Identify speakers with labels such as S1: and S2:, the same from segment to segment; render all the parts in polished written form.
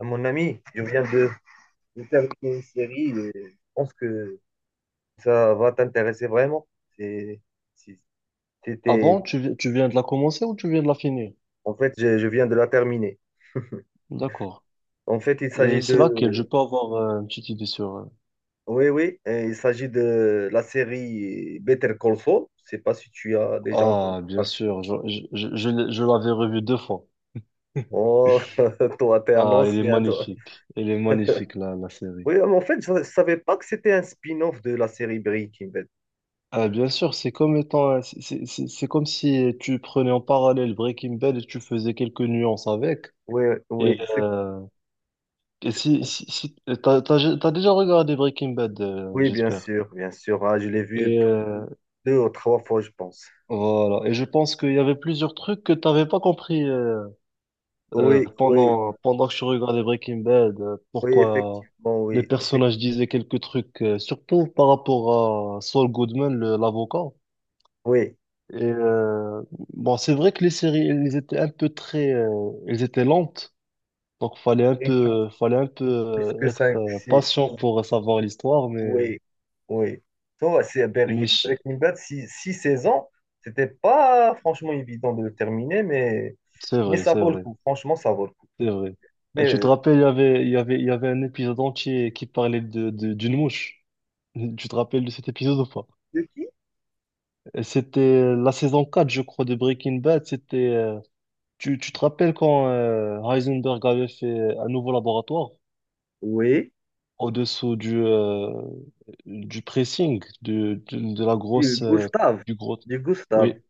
S1: Mon ami, je viens de terminer une série et je pense que ça va t'intéresser vraiment. C'est, si
S2: Ah
S1: t'étais-
S2: bon, tu, vi- tu viens de la commencer ou tu viens de la finir?
S1: en fait, je viens de la terminer.
S2: D'accord.
S1: En fait,
S2: Et c'est laquelle? Je peux avoir une petite idée sur.
S1: oui, oui, il s'agit de la série Better Call Saul. Je sais pas si tu as déjà entendu
S2: Ah, bien
S1: parler.
S2: sûr, je l'avais revue deux fois.
S1: Oh, toi, t'es un
S2: Ah, elle est
S1: ancien, toi.
S2: magnifique. Elle est magnifique, la série.
S1: Oui, mais en fait, ne savais pas que c'était un spin-off de la série Breaking Bad.
S2: Ah, bien sûr, c'est comme si tu prenais en parallèle Breaking Bad et tu faisais quelques nuances avec.
S1: Oui,
S2: Et,
S1: oui,
S2: euh, et si t'as déjà regardé Breaking Bad,
S1: oui, bien
S2: j'espère.
S1: sûr, bien sûr. Ah, je l'ai vu
S2: Et, euh,
S1: deux ou trois fois, je pense.
S2: Voilà. Et je pense qu'il y avait plusieurs trucs que t'avais pas compris
S1: Oui, oui,
S2: pendant que je regardais Breaking Bad.
S1: oui,
S2: Pourquoi
S1: effectivement,
S2: les personnages disaient quelques trucs, surtout par rapport à Saul Goodman, l'avocat.
S1: oui,
S2: Et bon, c'est vrai que les séries, elles étaient un peu elles étaient lentes. Donc
S1: oui,
S2: fallait un peu
S1: plus que
S2: être
S1: 5, 6,
S2: patient pour savoir l'histoire, mais
S1: oui, oui. Toi, c'est
S2: mais
S1: Ber-
S2: ch-
S1: Breaking Bad, six saisons, c'était pas franchement évident de le terminer,
S2: c'est
S1: mais
S2: vrai,
S1: ça
S2: c'est
S1: vaut le
S2: vrai.
S1: coup, franchement, ça vaut le coup.
S2: C'est vrai. Et
S1: Mais
S2: tu te rappelles, il y avait un épisode entier qui parlait d'une mouche. Tu te rappelles de cet épisode ou pas?
S1: de qui?
S2: Et c'était la saison 4 je crois, de Breaking Bad. Tu te rappelles quand Heisenberg avait fait un nouveau laboratoire
S1: Oui,
S2: au-dessous du pressing,
S1: du Gustave,
S2: du gros.
S1: du Gustave.
S2: Oui,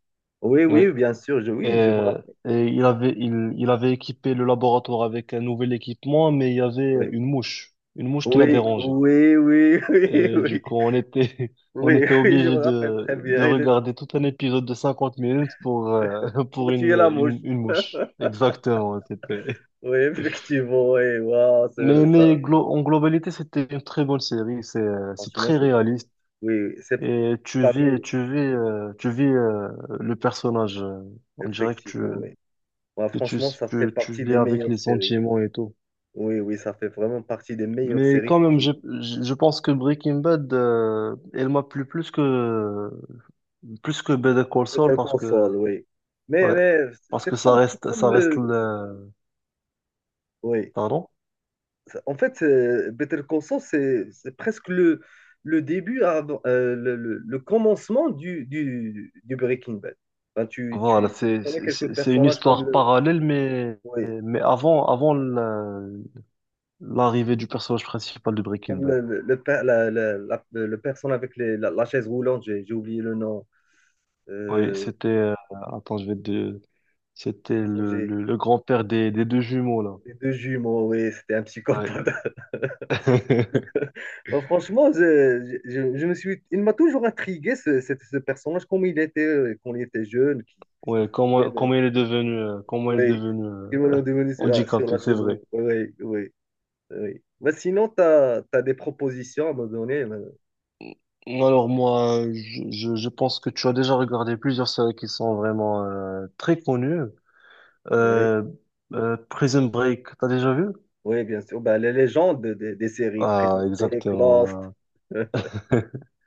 S1: Oui,
S2: oui.
S1: oui, bien sûr,
S2: Et,
S1: oui, je me
S2: euh, et il avait équipé le laboratoire avec un nouvel équipement, mais il y avait
S1: rappelle.
S2: une mouche qui l'a
S1: Oui,
S2: dérangé.
S1: oui, oui, oui, oui,
S2: Et du
S1: oui,
S2: coup, on
S1: oui,
S2: était
S1: oui, je me
S2: obligé
S1: rappelle très
S2: de
S1: bien. Il est
S2: regarder tout un épisode de 50 minutes
S1: pour
S2: pour
S1: tuer la mouche.
S2: une mouche. Exactement, c'était.
S1: Oui, effectivement, oui. Waouh,
S2: Mais,
S1: ça,
S2: mais glo- en globalité, c'était une très bonne série. C'est
S1: franchement,
S2: très
S1: c'est beau.
S2: réaliste.
S1: Oui, oui, c'est
S2: Et tu
S1: parmi,
S2: vis, tu vis, tu vis le personnage. On dirait que
S1: effectivement, oui. Ouais,
S2: que tu,
S1: franchement, ça fait
S2: tu
S1: partie
S2: vis
S1: des
S2: avec
S1: meilleures
S2: les
S1: séries.
S2: sentiments et tout.
S1: Oui, oui, ça fait vraiment partie des meilleures
S2: Mais
S1: séries que
S2: quand même,
S1: j'ai vues.
S2: je pense que Breaking Bad, elle m'a plu plus que plus que Better Call
S1: C'est
S2: Saul
S1: un
S2: parce que.
S1: console, oui.
S2: Ouais.
S1: Mais
S2: Parce que ça
S1: c'est
S2: reste
S1: comme
S2: ça reste
S1: le...
S2: le.
S1: Oui.
S2: Pardon.
S1: En fait, Better Call Saul, c'est presque le début, le commencement du Breaking Bad. Ben,
S2: Voilà,
S1: tu
S2: c'est
S1: connais quelques
S2: c'est c'est une
S1: personnages comme
S2: histoire
S1: le...
S2: parallèle, mais
S1: Oui.
S2: mais avant l'arrivée du personnage principal de Breaking
S1: Comme
S2: Bad.
S1: le personne avec la chaise roulante, j'ai oublié le nom.
S2: Oui,
S1: Euh,
S2: c'était attends, je vais te c'était
S1: enfin,
S2: le,
S1: j'ai
S2: le, le grand-père des deux jumeaux là.
S1: les deux jumeaux, oui, c'était un
S2: Ouais.
S1: psychopathe. Bon, franchement, je me suis, il m'a toujours intrigué ce personnage, comme il était quand il était jeune, qui
S2: Ouais,
S1: faisait,
S2: comment
S1: mais-
S2: comment il est devenu
S1: oui, qui voulait devenir sur, ah, sur
S2: handicapé,
S1: la
S2: c'est
S1: chaise roulante.
S2: vrai.
S1: Oui, oui, oui. Mais sinon, tu as, des propositions à me donner. Mais-
S2: Alors moi, je pense que tu as déjà regardé plusieurs séries qui sont vraiment très connues.
S1: Oui,
S2: Euh, Prison Break, t'as déjà vu?
S1: oui, bien sûr. Ben, les légendes des séries
S2: Ah,
S1: présentées,
S2: exactement.
S1: Lost,
S2: Voilà.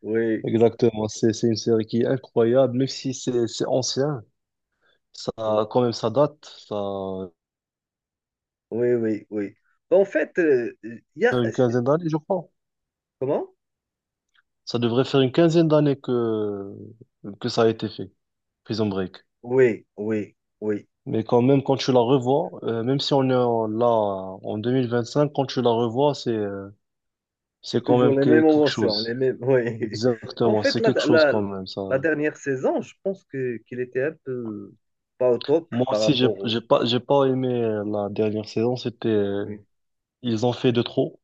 S1: oui.
S2: Exactement. C'est une série qui est incroyable, même si c'est ancien. Ça,
S1: Oui.
S2: quand même, ça date. Ça
S1: Oui, oui, oui. Bah, en fait, il y a...
S2: fait une quinzaine d'années, je crois.
S1: Comment?
S2: Ça devrait faire une quinzaine d'années que ça a été fait, Prison Break.
S1: Oui, oui, oui.
S2: Mais quand même, quand tu la revois, même si là en 2025, quand tu la revois, c'est. C'est
S1: C'est
S2: quand
S1: toujours
S2: même
S1: les
S2: que-
S1: mêmes
S2: quelque
S1: émotions, les
S2: chose.
S1: mêmes... Oui. En
S2: Exactement,
S1: fait,
S2: c'est quelque chose quand même,
S1: la
S2: ça.
S1: dernière saison, je pense que qu'il était un peu pas au top
S2: Moi
S1: par
S2: aussi,
S1: rapport au...
S2: j'ai pas aimé la dernière saison. C'était,
S1: Oui,
S2: euh, ils ont fait de trop.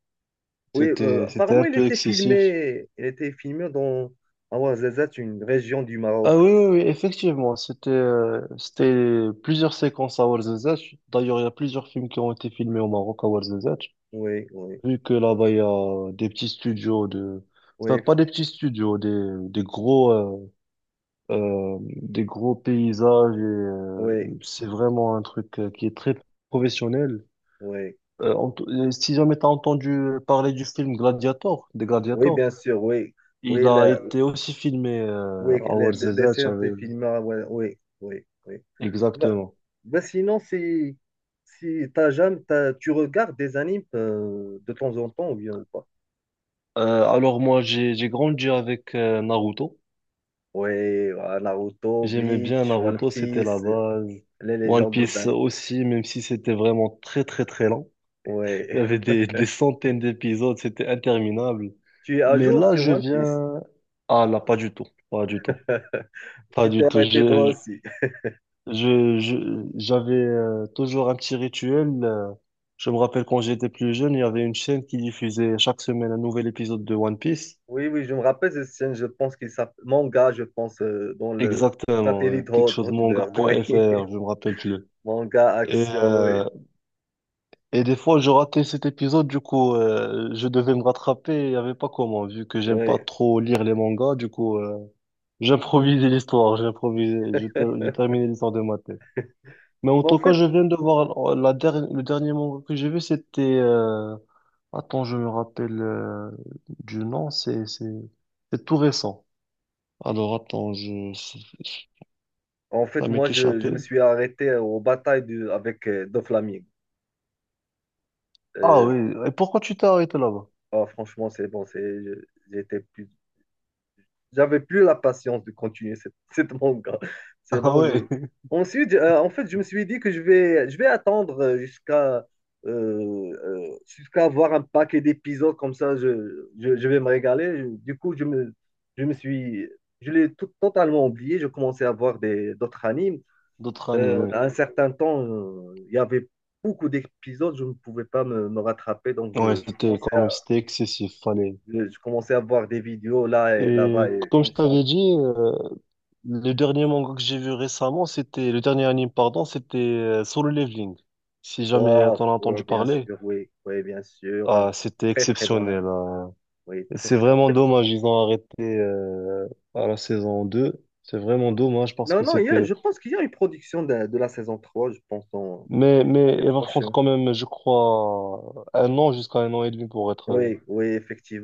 S1: oui,
S2: C'était
S1: apparemment,
S2: un peu excessif.
S1: il était filmé dans Ouarzazate, une région du
S2: Ah
S1: Maroc.
S2: oui, oui, oui, effectivement. C'était plusieurs séquences à Ouarzazate. D'ailleurs, il y a plusieurs films qui ont été filmés au Maroc à Ouarzazate.
S1: Oui, oui,
S2: Vu que là-bas, il y a des petits studios enfin,
S1: oui,
S2: pas des petits studios, des gros, euh, des gros paysages et
S1: oui,
S2: c'est vraiment un truc qui est très professionnel.
S1: oui.
S2: Si jamais t'as entendu parler du film Gladiator, des
S1: Oui,
S2: Gladiators,
S1: bien sûr, oui.
S2: il
S1: Oui,
S2: a été aussi filmé à
S1: des
S2: Ouarzazate,
S1: films,
S2: j'avais-
S1: oui, oui, oui. Bah,
S2: Exactement.
S1: bah, sinon, si t'as jamais, tu regardes des animes de temps en temps ou bien ou pas?
S2: Alors moi, j'ai grandi avec Naruto.
S1: Ouais, voilà, Naruto,
S2: J'aimais bien
S1: Bleach, One
S2: Naruto, c'était
S1: Piece,
S2: la base.
S1: les
S2: One
S1: légendes des
S2: Piece
S1: animes.
S2: aussi, même si c'était vraiment très très très lent. Il y
S1: Ouais.
S2: avait des centaines d'épisodes, c'était interminable.
S1: Tu es à
S2: Mais
S1: jour
S2: là,
S1: sur
S2: je
S1: One Piece?
S2: viens. Ah là, pas du tout, pas du tout, pas
S1: Tu t'es
S2: du tout.
S1: arrêté toi aussi.
S2: J'avais toujours un petit rituel. Je me rappelle quand j'étais plus jeune, il y avait une chaîne qui diffusait chaque semaine un nouvel épisode de One Piece.
S1: Oui, oui, je me rappelle cette scène, je pense qu'il s'appelle manga, je pense, dans le
S2: Exactement,
S1: satellite
S2: quelque chose
S1: Hotbird,
S2: manga
S1: oui.
S2: point manga.fr, je me rappelle plus.
S1: Manga
S2: Et,
S1: action, oui.
S2: euh, et des fois, je ratais cet épisode, du coup, je devais me rattraper, il n'y avait pas comment, vu que j'aime pas
S1: Oui.
S2: trop lire les mangas, du coup. J'ai improvisé l'histoire, j'ai improvisé, j'ai terminé l'histoire de ma tête. Mais en
S1: Bon,
S2: tout cas, je viens de voir le dernier manga que j'ai vu, c'était. Attends, je me rappelle du nom, c'est tout récent. Alors attends, je
S1: en
S2: ça
S1: fait, moi,
S2: m'est
S1: je me
S2: échappé.
S1: suis arrêté aux batailles du, avec Doflamingo.
S2: Ah
S1: Euh,
S2: oui, et pourquoi tu t'es arrêté là-bas?
S1: Ah franchement, c'est bon, c'est, j'étais plus, j'avais plus la patience de continuer cette, cette manga. C'est
S2: Ah
S1: bon, je.
S2: ouais,
S1: Ensuite, en fait, je me suis dit que je vais attendre jusqu'à avoir un paquet d'épisodes comme ça, je vais me régaler. Du coup, je me suis, je l'ai totalement oublié. Je commençais à voir des d'autres animes.
S2: d'autres animes,
S1: Euh,
S2: oui.
S1: à un certain temps, il y avait beaucoup d'épisodes, je ne pouvais pas me rattraper, donc
S2: Ouais, c'était quand même c'était excessif, fallait.
S1: je commençais à voir des vidéos là et
S2: Et
S1: là-bas et
S2: comme
S1: comme
S2: je
S1: ça.
S2: t'avais dit, le dernier manga que j'ai vu récemment, c'était, le dernier anime, pardon, c'était Solo Leveling. Si jamais
S1: Oh,
S2: t'en as entendu
S1: oh, bien
S2: parler,
S1: sûr, oui, oui, bien sûr. Hein.
S2: ah, c'était
S1: Très, très bon
S2: exceptionnel,
S1: ami.
S2: hein.
S1: Oui, très,
S2: C'est
S1: très. En
S2: vraiment
S1: fait,
S2: dommage, ils ont arrêté à la saison 2. C'est vraiment dommage parce
S1: non,
S2: que
S1: non,
S2: c'était.
S1: je pense qu'il y a une production de la saison 3 je pense, en-
S2: Mais
S1: l'année
S2: elle va prendre
S1: prochaine.
S2: quand même, je crois, un an jusqu'à un an et demi pour être.
S1: Oui, oui,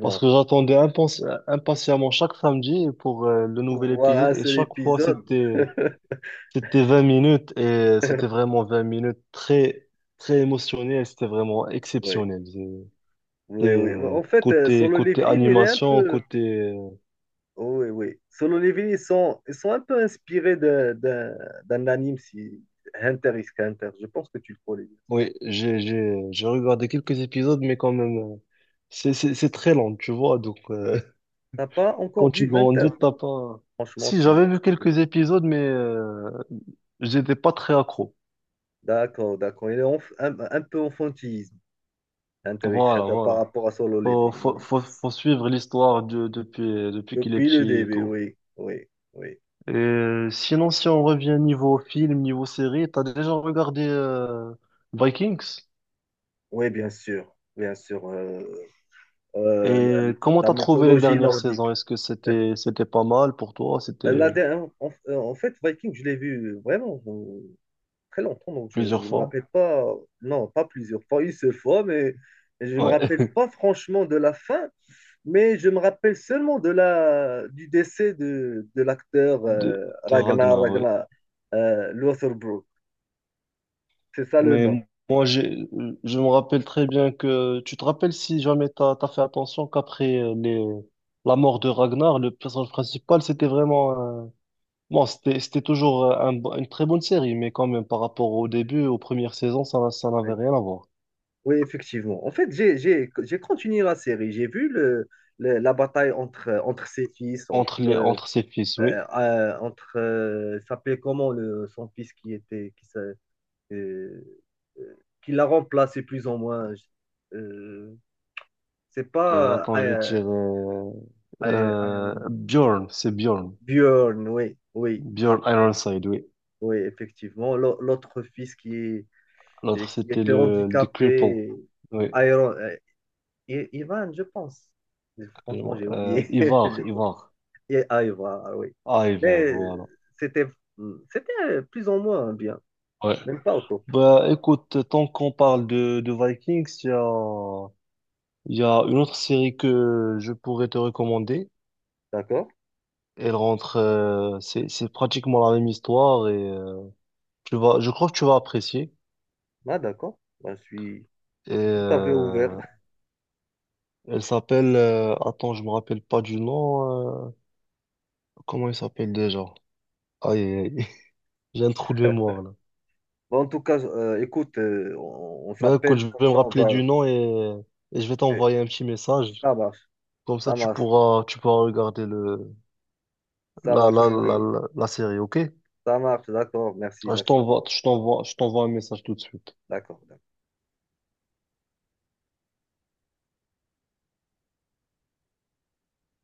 S2: Parce que impatiemment chaque samedi pour le
S1: Pour
S2: nouvel
S1: voir un
S2: épisode et
S1: seul
S2: chaque fois
S1: épisode.
S2: c'était. C'était 20 minutes et c'était vraiment 20 minutes très, très émotionnelles. C'était vraiment
S1: Oui,
S2: exceptionnel. C'était,
S1: oui, oui.
S2: euh,
S1: En fait,
S2: côté,
S1: Solo
S2: côté
S1: Leveling, il est un
S2: animation,
S1: peu.
S2: côté, euh,
S1: Oh, oui, oui. Solo Leveling, ils sont un peu inspirés d'un anime, si... Hunter x Hunter. Je pense que tu le connais.
S2: oui, j'ai regardé quelques épisodes, mais quand même, c'est très long, tu vois. Donc,
S1: T'as pas encore
S2: quand
S1: vu
S2: tu
S1: 20.
S2: grandis, t'as pas,
S1: Franchement,
S2: si
S1: tu.
S2: j'avais vu quelques épisodes, mais, j'étais pas très accro.
S1: D'accord, d'accord. Il est un peu enfantisme, intéressant
S2: Voilà,
S1: par
S2: voilà.
S1: rapport à Solo Leveling, oui.
S2: Faut suivre l'histoire depuis qu'il est
S1: Depuis le
S2: petit et
S1: début,
S2: tout.
S1: oui, oui, oui.
S2: Et sinon, si on revient niveau film, niveau série, t'as déjà regardé Vikings?
S1: Oui, bien sûr, bien sûr. Euh, la,
S2: Et comment
S1: la
S2: t'as trouvé les
S1: mythologie
S2: dernières
S1: nordique.
S2: saisons? Est-ce que c'était pas mal pour toi? C'était
S1: Euh, La
S2: euh,
S1: dernière- en, en fait, Viking, je l'ai vu vraiment très longtemps, donc je
S2: plusieurs
S1: ne me
S2: fois.
S1: rappelle pas, non, pas plusieurs fois, une seule fois, mais je ne me
S2: Ouais.
S1: rappelle pas franchement de la fin, mais je me rappelle seulement du décès de l'acteur
S2: De, de
S1: Ragnar,
S2: Ragnar, ouais.
S1: Ragnar Lothbrok. C'est ça le nom.
S2: Mais moi, je me rappelle très bien que tu te rappelles si jamais t'as fait attention qu'après les la mort de Ragnar, le personnage principal, c'était vraiment. Bon, c'était toujours un une très bonne série, mais quand même, par rapport au début, aux premières saisons, ça n'avait
S1: Oui,
S2: rien à voir.
S1: oui, effectivement. En fait, j'ai continué la série. J'ai vu la bataille entre ses fils, entre,
S2: Entre les, entre ses fils, oui.
S1: entre il s'appelait comment son fils qui était, qui, s'a- qui l'a remplacé plus ou moins. C'est pas
S2: Attends, je vais te dire,
S1: I- I- I-
S2: Bjorn, c'est Bjorn.
S1: Björn, oui, oui.
S2: Bjorn Ironside, oui.
S1: Oui, effectivement. L'autre fils
S2: L'autre,
S1: et qui
S2: c'était
S1: était
S2: The Cripple.
S1: handicapé,
S2: Oui.
S1: Iron, euh, Ivan, je pense. Mais franchement, j'ai oublié.
S2: Ivar,
S1: Je-
S2: Ivar.
S1: Et Ivan, ah oui.
S2: Ah, Ivar,
S1: Mais
S2: voilà.
S1: c'était plus ou moins bien,
S2: Ouais.
S1: même pas au top.
S2: Bah, écoute, tant qu'on parle de Vikings, il y a une autre série que je pourrais te recommander.
S1: D'accord?
S2: Elle rentre, c'est pratiquement la même histoire et tu vas, je crois que tu vas apprécier.
S1: Ah, d'accord. Ben,
S2: Et,
S1: je suis tout à fait ouvert.
S2: euh, Elle s'appelle, attends, je me rappelle pas du nom. Comment il s'appelle déjà? Aïe, aïe, aïe. J'ai un trou de mémoire là.
S1: Bon, en tout cas, écoute, on
S2: Ben écoute,
S1: s'appelle
S2: je vais
S1: comme
S2: me
S1: ça, on
S2: rappeler
S1: va.
S2: du nom et je vais
S1: eh,
S2: t'envoyer un petit message.
S1: Ça marche,
S2: Comme ça,
S1: ça marche,
S2: tu pourras regarder le,
S1: ça
S2: la,
S1: marche,
S2: la,
S1: mon
S2: la,
S1: ami.
S2: la, la série, ok?
S1: Ça marche, d'accord. Merci,
S2: Ah, Je
S1: merci beaucoup.
S2: t'envoie, je t'envoie, je t'envoie un message tout de suite.
S1: D'accord.